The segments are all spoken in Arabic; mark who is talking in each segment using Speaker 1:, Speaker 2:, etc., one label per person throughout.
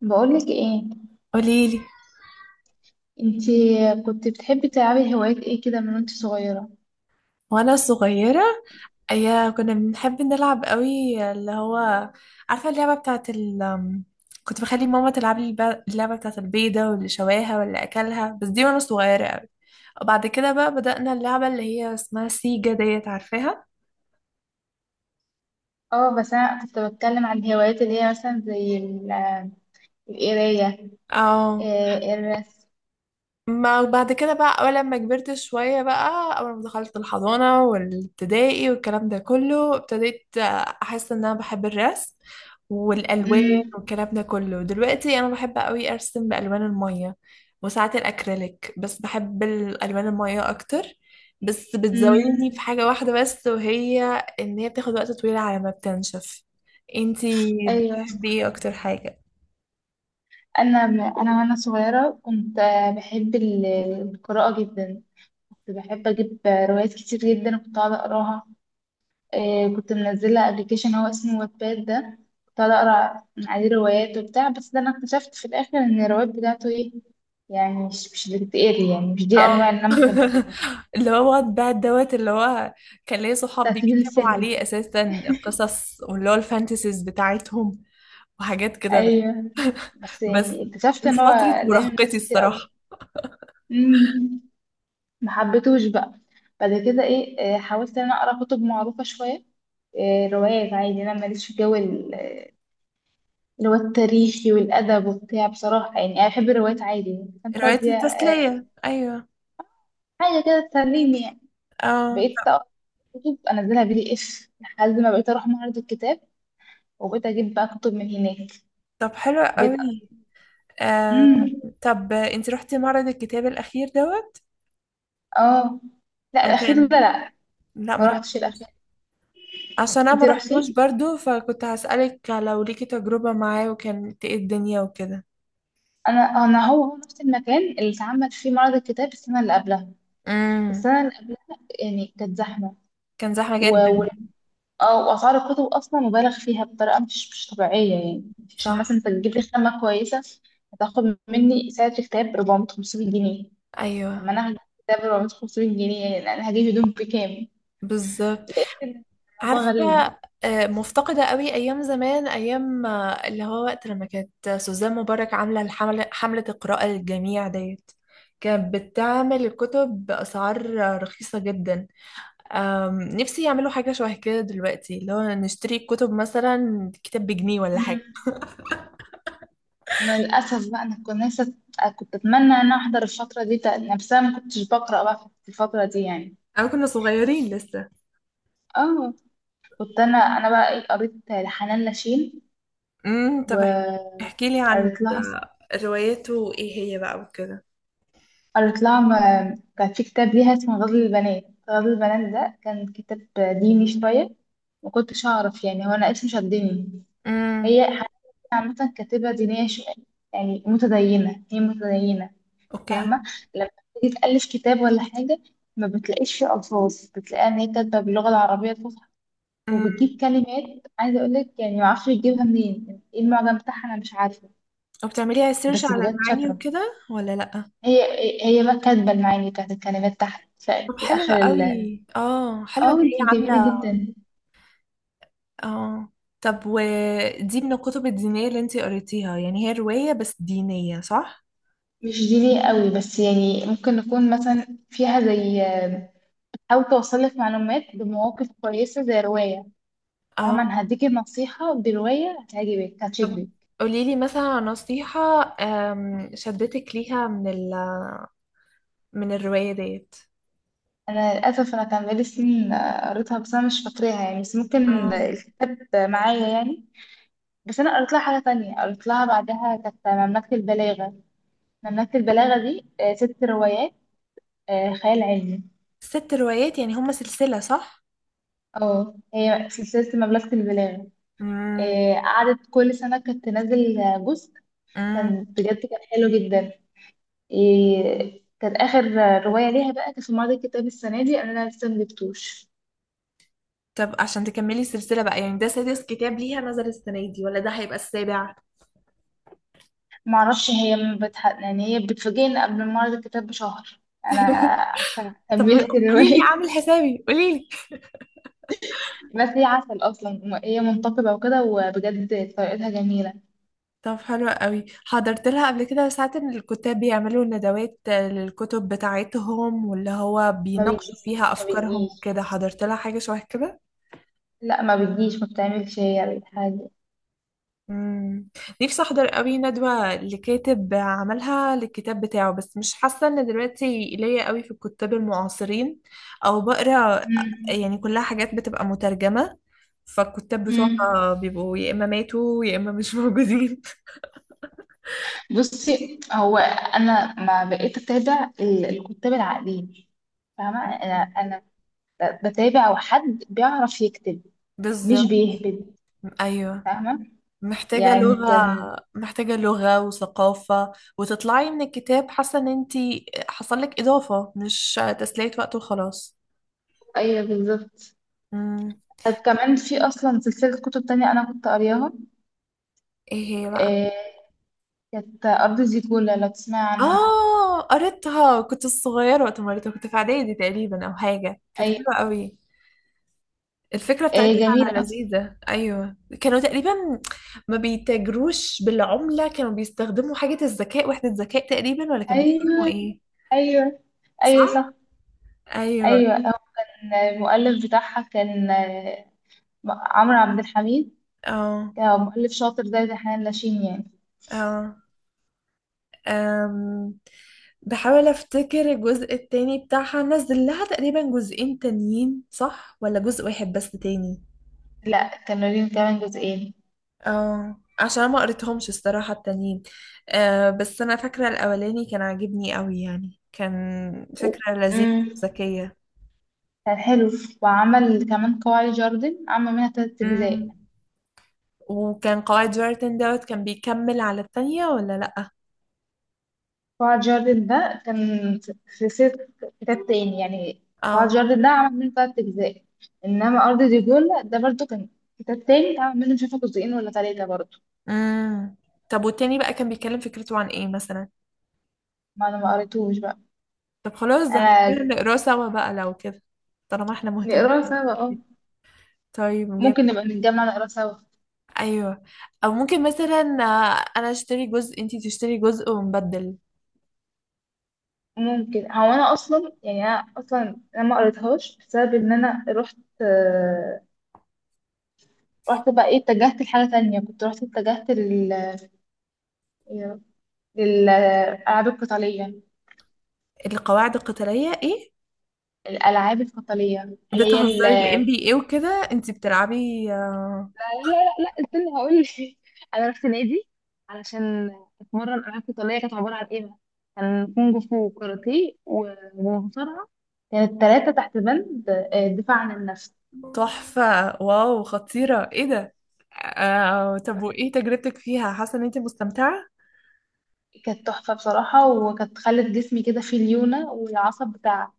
Speaker 1: بقولك ايه؟
Speaker 2: قوليلي.
Speaker 1: انتي كنت بتحبي تلعبي هوايات ايه كده من وانت صغيرة؟
Speaker 2: وانا صغيرة، ايا كنا بنحب نلعب قوي، اللي هو عارفة اللعبة بتاعت ال أم، كنت بخلي ماما تلعب لي اللعبة بتاعت البيضة واللي شواها واللي اكلها. بس دي وانا صغيرة قوي. وبعد كده بقى بدأنا اللعبة اللي هي اسمها سيجا ديت، عارفاها.
Speaker 1: اه، بس انا كنت بتكلم عن الهوايات اللي هي مثلا زي القراية.
Speaker 2: اه.
Speaker 1: آه، الرسم.
Speaker 2: ما بعد كده بقى، أول لما كبرت شوية بقى، أول ما دخلت الحضانة والابتدائي والكلام ده كله، ابتديت أحس إن أنا بحب الرسم والألوان
Speaker 1: مم،
Speaker 2: والكلام ده كله. دلوقتي أنا بحب أوي أرسم بألوان المية، وساعات الأكريليك، بس بحب الألوان المية أكتر. بس بتزاولني في
Speaker 1: مم،
Speaker 2: حاجة واحدة بس، وهي إن هي بتاخد وقت طويل على ما بتنشف. انتي
Speaker 1: ايوه.
Speaker 2: بتحبي ايه أكتر حاجة؟
Speaker 1: انا وانا صغيرة كنت بحب القراءة جدا. كنت بحب اجيب روايات كتير جدا وكنت اقعد اقراها. كنت منزلة ابلكيشن هو اسمه واتباد ده، كنت قاعدة اقرا من عليه روايات وبتاع، بس ده انا اكتشفت في الاخر ان الروايات بتاعته ايه، يعني مش بتتقري، يعني مش دي الانواع
Speaker 2: اه.
Speaker 1: اللي انا ممكن اقراها.
Speaker 2: اللي هو بقى الدوت، اللي هو كان ليا صحاب
Speaker 1: بتاعت سبيل
Speaker 2: بيكتبوا
Speaker 1: السلم.
Speaker 2: عليه اساسا القصص، واللي هو الفانتسيز بتاعتهم، وحاجات كده
Speaker 1: ايوه، بس
Speaker 2: بس
Speaker 1: يعني اكتشفت
Speaker 2: كان في
Speaker 1: ان هو
Speaker 2: فترة
Speaker 1: لامم
Speaker 2: مراهقتي
Speaker 1: ناس كتير قوي.
Speaker 2: الصراحة.
Speaker 1: امم، ما حبيتهوش بقى. بعد كده ايه، حاولت ان انا اقرا كتب معروفة شوية. آه، روايات عادي انا ماليش في جو اللي هو التاريخي والأدب وبتاع. بصراحة يعني أنا بحب الروايات عادي يعني
Speaker 2: روايات
Speaker 1: فانتازيا. آه،
Speaker 2: التسلية، ايوه.
Speaker 1: حاجة كده تسليني يعني.
Speaker 2: اه.
Speaker 1: بقيت أقرأ كتب أنزلها بي دي إف لحد ما بقيت أروح معرض الكتاب، وبقيت أجيب بقى كتب من هناك.
Speaker 2: طب حلو
Speaker 1: بقيت
Speaker 2: قوي. آه
Speaker 1: امم.
Speaker 2: طب انت رحتي معرض الكتاب الاخير دوت
Speaker 1: اه، لا، الأخير
Speaker 2: وكان
Speaker 1: ده لا،
Speaker 2: لا ما
Speaker 1: ما رحتش الأخير.
Speaker 2: رحتوش؟ عشان انا
Speaker 1: أنت
Speaker 2: ما
Speaker 1: رحتي؟
Speaker 2: رحتوش برضو، فكنت هسألك لو ليكي تجربة معاه، وكانت ايه الدنيا وكده.
Speaker 1: أنا هو نفس المكان اللي اتعمل فيه معرض الكتاب السنة اللي قبلها.
Speaker 2: امم
Speaker 1: السنة اللي قبلها يعني كانت
Speaker 2: كان زحمة
Speaker 1: زحمة.
Speaker 2: جدا؟
Speaker 1: اه، واسعار الكتب اصلا مبالغ فيها بطريقه مش طبيعيه يعني. عشان مثلا
Speaker 2: صح.
Speaker 1: انت تجيب لي خامه كويسه هتاخد مني سعر الكتاب 400 500 جنيه. لما
Speaker 2: ايوه.
Speaker 1: انا هجيب كتاب 400 500 جنيه، يعني انا هجيب هدوم بكام؟
Speaker 2: بالظبط.
Speaker 1: لقيت الموضوع
Speaker 2: عارفه.
Speaker 1: غريب.
Speaker 2: مفتقده قوي ايام زمان، ايام اللي هو وقت لما كانت سوزان مبارك عامله الحمله، حمله القراءه للجميع ديت، كانت بتعمل الكتب باسعار رخيصه جدا. نفسي يعملوا حاجه شبه كده دلوقتي، اللي هو نشتري الكتب مثلا كتاب بجنيه ولا حاجه.
Speaker 1: مم. انا للاسف بقى، انا كنت نفسي، كنت اتمنى ان انا احضر الفتره دي، نفسها ما كنتش بقرا بقى في الفتره دي يعني.
Speaker 2: انا كنا صغيرين لسه.
Speaker 1: اه، كنت انا بقى ايه، قريت لحنان لاشين.
Speaker 2: امم. طب احكي لي عن
Speaker 1: وقريت
Speaker 2: ده،
Speaker 1: لها،
Speaker 2: روايته ايه هي بقى وكده.
Speaker 1: قريت لها كان في كتاب ليها اسمه غزل البنات. غزل البنات ده كان كتاب ديني شوية، ما كنتش أعرف، يعني هو أنا اسمه شدني.
Speaker 2: امم.
Speaker 1: هي حقيقة عامة كاتبة دينية شوية، يعني متدينة، هي متدينة.
Speaker 2: اوكي.
Speaker 1: فاهمة؟ لما تيجي تألف كتاب ولا حاجة ما بتلاقيش فيه ألفاظ، بتلاقيها إن هي كاتبة باللغة العربية الفصحى، وبتجيب كلمات، عايزة أقولك يعني معرفش بتجيبها منين، يعني إيه المعجم بتاعها، أنا مش عارفة.
Speaker 2: وبتعمليها سيرش
Speaker 1: بس
Speaker 2: على
Speaker 1: بجد
Speaker 2: المعاني
Speaker 1: شاطرة.
Speaker 2: وكده ولا لأ؟
Speaker 1: هي هي بقى كاتبة المعاني بتاعت الكلمات تحت،
Speaker 2: طب
Speaker 1: في
Speaker 2: حلوة
Speaker 1: آخر ال...
Speaker 2: قوي، اه حلوة ان
Speaker 1: اه،
Speaker 2: هي
Speaker 1: دي جميلة
Speaker 2: عاملة.
Speaker 1: جدا.
Speaker 2: اه. طب ودي من الكتب الدينية اللي انتي قريتيها، يعني هي رواية بس دينية صح؟
Speaker 1: مش دي ليه قوي، بس يعني ممكن نكون مثلا فيها زي آه، بتحاول توصل لك معلومات بمواقف كويسة زي رواية،
Speaker 2: اه.
Speaker 1: فاهمة؟ أنا هديكي نصيحة برواية هتعجبك
Speaker 2: طب
Speaker 1: هتشدك.
Speaker 2: قوليلي مثلا عن نصيحة شدتك ليها من الرواية ديت.
Speaker 1: أنا للأسف أنا كان بقالي سنين آه، قريتها بس أنا مش فاكراها يعني، بس ممكن
Speaker 2: اه.
Speaker 1: الكتاب معايا يعني. بس أنا قريت لها حاجة تانية، قريت لها بعدها كانت مملكة البلاغة. مملكة البلاغة دي آه، ست روايات، آه، خيال علمي.
Speaker 2: ست روايات، يعني هما سلسلة صح؟
Speaker 1: اه، هي سلسلة مملكة البلاد.
Speaker 2: امم.
Speaker 1: إيه، قعدت كل سنة كانت تنزل جزء.
Speaker 2: امم.
Speaker 1: كان بجد كان حلو جدا. إيه، كان آخر رواية ليها بقى كانت في معرض الكتاب السنة دي، أنا لسه مجبتوش.
Speaker 2: طب عشان تكملي السلسلة بقى، يعني ده سادس كتاب ليها نزل السنة دي ولا ده هيبقى السابع؟
Speaker 1: معرفش، هي ما بتح... يعني هي بتفاجئني قبل معرض الكتاب بشهر. أنا
Speaker 2: طب
Speaker 1: كملت
Speaker 2: قولي لي
Speaker 1: الرواية.
Speaker 2: عامل حسابي، قولي لي.
Speaker 1: بس هي عسل أصلا، هي منتقبة وكده، وبجد طريقتها جميلة.
Speaker 2: طب حلو قوي. حضرت لها قبل كده ساعات ان الكتاب بيعملوا ندوات للكتب بتاعتهم، واللي هو
Speaker 1: ما
Speaker 2: بيناقشوا فيها
Speaker 1: بتجيش، ما
Speaker 2: افكارهم
Speaker 1: بتجيش.
Speaker 2: وكده؟ حضرت لها حاجه شبه كده.
Speaker 1: لا، ما بتجيش، ما بتعملش هي حاجة.
Speaker 2: امم. نفسي احضر قوي ندوه لكاتب عملها للكتاب بتاعه، بس مش حاسه ان دلوقتي ليا قوي في الكتاب المعاصرين او بقرا،
Speaker 1: مم.
Speaker 2: يعني كلها حاجات بتبقى مترجمه. فالكتاب
Speaker 1: مم.
Speaker 2: بتوعها بيبقوا يا اما ماتوا يا اما مش موجودين.
Speaker 1: بصي، هو انا ما بقيت اتابع الكتاب العقليين. فاهمه؟ انا انا بتابع حد بيعرف يكتب، مش
Speaker 2: بالظبط.
Speaker 1: بيهبد.
Speaker 2: ايوه.
Speaker 1: فاهمه؟
Speaker 2: محتاجة
Speaker 1: يعني
Speaker 2: لغة.
Speaker 1: كان
Speaker 2: محتاجة لغة وثقافة، وتطلعي من الكتاب حاسة ان انتي حصل لك اضافة، مش تسلية وقت وخلاص.
Speaker 1: ايوه بالظبط.
Speaker 2: امم.
Speaker 1: طب كمان في اصلا سلسله كتب تانية انا كنت قارياها.
Speaker 2: ايه هي بقى؟
Speaker 1: آه، كانت ارض زيكولا، لو تسمع عنها.
Speaker 2: اه قريتها، كنت صغيرة وقت ما قريتها، كنت في اعدادي تقريبا او حاجة. كانت
Speaker 1: ايوه،
Speaker 2: حلوة قوي الفكرة
Speaker 1: آه،
Speaker 2: بتاعتها.
Speaker 1: جميله اصلا.
Speaker 2: لذيذة، ايوه. كانوا تقريبا ما بيتاجروش بالعملة، كانوا بيستخدموا حاجة الذكاء، وحدة ذكاء تقريبا، ولا كانوا بيستخدموا
Speaker 1: ايوه،
Speaker 2: ايه؟
Speaker 1: ايوه، ايوه
Speaker 2: صح.
Speaker 1: صح.
Speaker 2: ايوه.
Speaker 1: ايوه، هو كان المؤلف بتاعها كان آه، عمرو عبد الحميد.
Speaker 2: اه.
Speaker 1: كمؤلف شاطر زي دحان لاشين يعني.
Speaker 2: اه. أم، بحاول افتكر الجزء التاني بتاعها، نزل لها تقريبا جزئين تانيين صح ولا جزء واحد بس تاني؟
Speaker 1: لا، كانوا كمان جزئين.
Speaker 2: اه، عشان ما قريتهمش الصراحة التانيين. بس انا فاكرة الاولاني كان عاجبني قوي، يعني كان
Speaker 1: و-
Speaker 2: فكرة لذيذة
Speaker 1: مم،
Speaker 2: وذكية.
Speaker 1: كان حلو. وعمل كمان قواعد جاردن، عمل منها تلات أجزاء.
Speaker 2: امم. وكان قواعد جارتن دوت، كان بيكمل على التانية ولا لأ؟
Speaker 1: قواعد جاردن ده كان في سلسلة كتاب تاني يعني. قواعد
Speaker 2: اه.
Speaker 1: جاردن ده عمل منه تلات أجزاء. إنما أرض ديجول ده برضو كان كتاب تاني اتعمل منه مش عارفة جزئين ولا تلاتة برضو.
Speaker 2: امم طب والتاني بقى كان بيتكلم فكرته عن ايه مثلا؟
Speaker 1: ما أنا ما قريتوش بقى.
Speaker 2: طب خلاص ده
Speaker 1: أنا
Speaker 2: هنقول نقراه سوا بقى لو كده، طالما احنا مهتمين.
Speaker 1: نقراه سوا، اه.
Speaker 2: طيب جيم.
Speaker 1: ممكن نبقى نتجمع نقراه سوا.
Speaker 2: ايوه. او ممكن مثلا، انا اشتري جزء انتي تشتري جزء ونبدل.
Speaker 1: ممكن، هو انا اصلا يعني انا اصلا انا ما قريتهاش بسبب ان انا رحت آه، رحت بقى ايه، اتجهت لحاجه تانية. كنت رحت، اتجهت لل يا- للالعاب القتاليه.
Speaker 2: القواعد القتالية ايه؟
Speaker 1: الالعاب القتاليه اللي هي ال...
Speaker 2: بتهزري الام
Speaker 1: لا،
Speaker 2: بي اي وكده؟ انتي بتلعبي
Speaker 1: لا، لا، لا، استنى هقول لك. انا رحت نادي علشان اتمرن العاب قتاليه. كانت عباره عن ايه بقى؟ كان كونج فو وكاراتيه ومصارعه. كانت ثلاثه تحت بند آه، دفاع عن النفس.
Speaker 2: تحفة. واو، خطيرة، ايه ده. طب وايه تجربتك فيها، حاسة ان انتي مستمتعة؟
Speaker 1: كانت تحفة بصراحة، وكانت خلت جسمي كده فيه ليونة، والعصب بتاع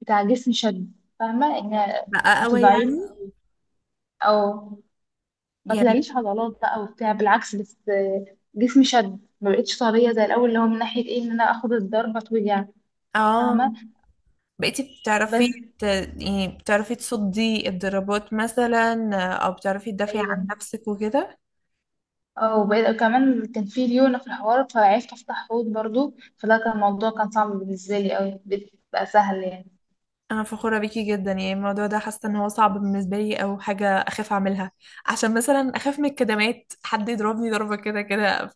Speaker 1: بتاع جسمي شد. فاهمة ان
Speaker 2: بقى
Speaker 1: كنت
Speaker 2: قوي
Speaker 1: ضعيفة
Speaker 2: يعني
Speaker 1: أوي، أو ما
Speaker 2: يعني
Speaker 1: طلعليش عضلات بقى وبتاع، بالعكس، بس جسمي شد، ما بقتش طرية زي الأول. اللي هو من ناحية ايه، ان انا اخد الضربة توجع.
Speaker 2: اه
Speaker 1: فاهمة؟
Speaker 2: بقيتي
Speaker 1: بس
Speaker 2: بتعرفي يعني بتعرفي تصدي الضربات مثلا، او بتعرفي تدافعي عن
Speaker 1: ايوه،
Speaker 2: نفسك وكده؟
Speaker 1: اه. وبقيت كمان كان في ليونة في الحوار، فعرفت افتح حوض برضو. فده كان الموضوع كان صعب بالنسبة لي أوي، بقى سهل.
Speaker 2: انا فخورة بيكي جدا. يعني الموضوع ده حاسة ان هو صعب بالنسبة لي، او حاجة اخاف اعملها. عشان مثلا اخاف من الكدمات، حد يضربني ضربة كده كده،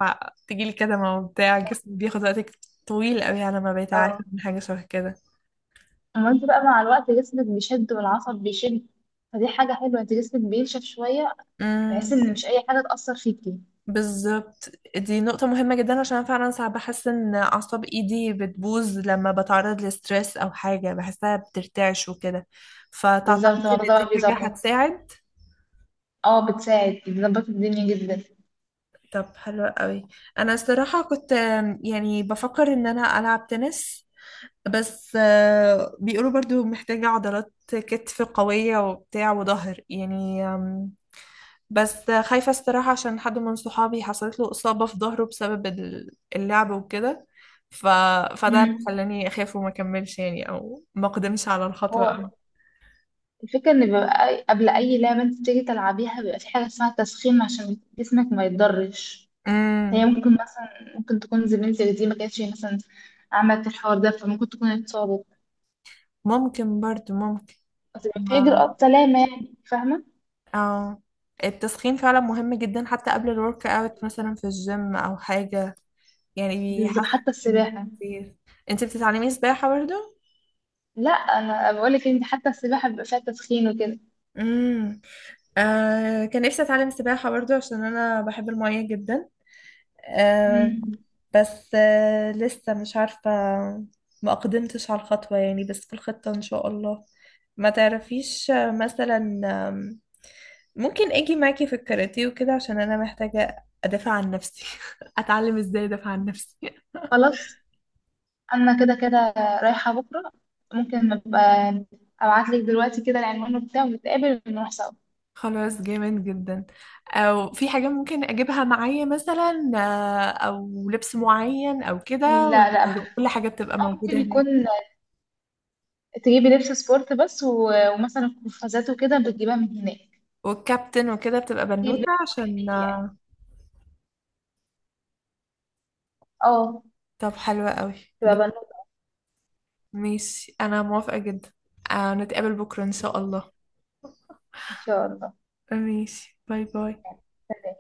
Speaker 2: فتجيلي كدمة وبتاع، جسمي بياخد وقت طويل قوي على ما بقيت
Speaker 1: يعني
Speaker 2: عارفة من حاجة شبه
Speaker 1: اما انت بقى مع الوقت جسمك بيشد، والعصب بيشد، فدي حاجة حلوة. انت جسمك بينشف شوية، بحيث
Speaker 2: كده.
Speaker 1: ان مش اي حاجة تأثر فيكي.
Speaker 2: بالظبط. دي نقطة مهمة جدا عشان أنا فعلا ساعات بحس ان اعصاب ايدي بتبوظ، لما بتعرض لستريس او حاجة بحسها بترتعش وكده.
Speaker 1: بالظبط،
Speaker 2: فتعتقد
Speaker 1: الموضوع
Speaker 2: ان
Speaker 1: ده بقى
Speaker 2: دي حاجة
Speaker 1: بيظبط.
Speaker 2: هتساعد.
Speaker 1: اه، بتساعد، بتظبط الدنيا جدا.
Speaker 2: طب حلو قوي. انا الصراحة كنت يعني بفكر ان انا العب تنس، بس بيقولوا برضو محتاجة عضلات كتف قوية وبتاع وظهر يعني. بس خايفة الصراحة، عشان حد من صحابي حصلت له إصابة في ظهره بسبب اللعب وكده. ف... فده اللي
Speaker 1: مم.
Speaker 2: خلاني أخاف وما أكملش، يعني، أو ما أقدمش على الخطوة أوي.
Speaker 1: هو الفكرة ان بيبقى قبل اي لعبة انت بتيجي تلعبيها بيبقى في حاجة اسمها تسخين، عشان جسمك ما يتضرش. هي
Speaker 2: امم.
Speaker 1: ممكن مثلا، ممكن تكون زميلتك دي ما كانتش مثلا عملت الحوار ده، فممكن تكون اتصابت.
Speaker 2: ممكن، برضو ممكن.
Speaker 1: بس بيبقى في
Speaker 2: ما...
Speaker 1: إجراءات سلامة يعني، فاهمة؟
Speaker 2: أو التسخين فعلا مهم جدا، حتى قبل الورك اوت مثلا في الجيم أو حاجة يعني.
Speaker 1: بالظبط حتى
Speaker 2: بيحسن
Speaker 1: السباحة.
Speaker 2: كتير. انت بتتعلمي سباحة برضو؟
Speaker 1: لا، انا بقول لك انت حتى السباحه بيبقى فيها تسخين وكده.
Speaker 2: امم. كان نفسي أتعلم سباحة برضو، عشان أنا بحب المية جدا.
Speaker 1: امم،
Speaker 2: آم، بس لسه مش عارفة. ما أقدمتش على الخطوة يعني، بس في الخطة إن شاء الله. ما تعرفيش مثلا آم، ممكن أجي معاكي في الكاراتيه وكده، عشان أنا محتاجة أدافع عن نفسي. أتعلم إزاي أدافع عن نفسي.
Speaker 1: خلاص، انا كده كده رايحه بكره. ممكن ابقى ابعت لك دلوقتي كده العنوان بتاعه ونتقابل ونروح سوا.
Speaker 2: خلاص، جامد جدا. أو في حاجة ممكن أجيبها معايا، مثلا أو لبس معين أو كده، ولا
Speaker 1: لا لا،
Speaker 2: كل حاجة بتبقى
Speaker 1: أو ممكن
Speaker 2: موجودة
Speaker 1: يكون
Speaker 2: هناك؟
Speaker 1: تجيبي لبس سبورت بس، ومثلا قفازات وكده بتجيبها من هناك.
Speaker 2: والكابتن وكده بتبقى
Speaker 1: تجيب
Speaker 2: بنوتة
Speaker 1: لبس مريح
Speaker 2: عشان
Speaker 1: ليكي يعني. اه،
Speaker 2: طب حلوة قوي.
Speaker 1: تبقى بنوتة.
Speaker 2: ماشي، انا موافقة جدا. نتقابل بكرة ان شاء الله.
Speaker 1: ان شاء الله.
Speaker 2: ماشي، باي باي.
Speaker 1: يعني، سلام.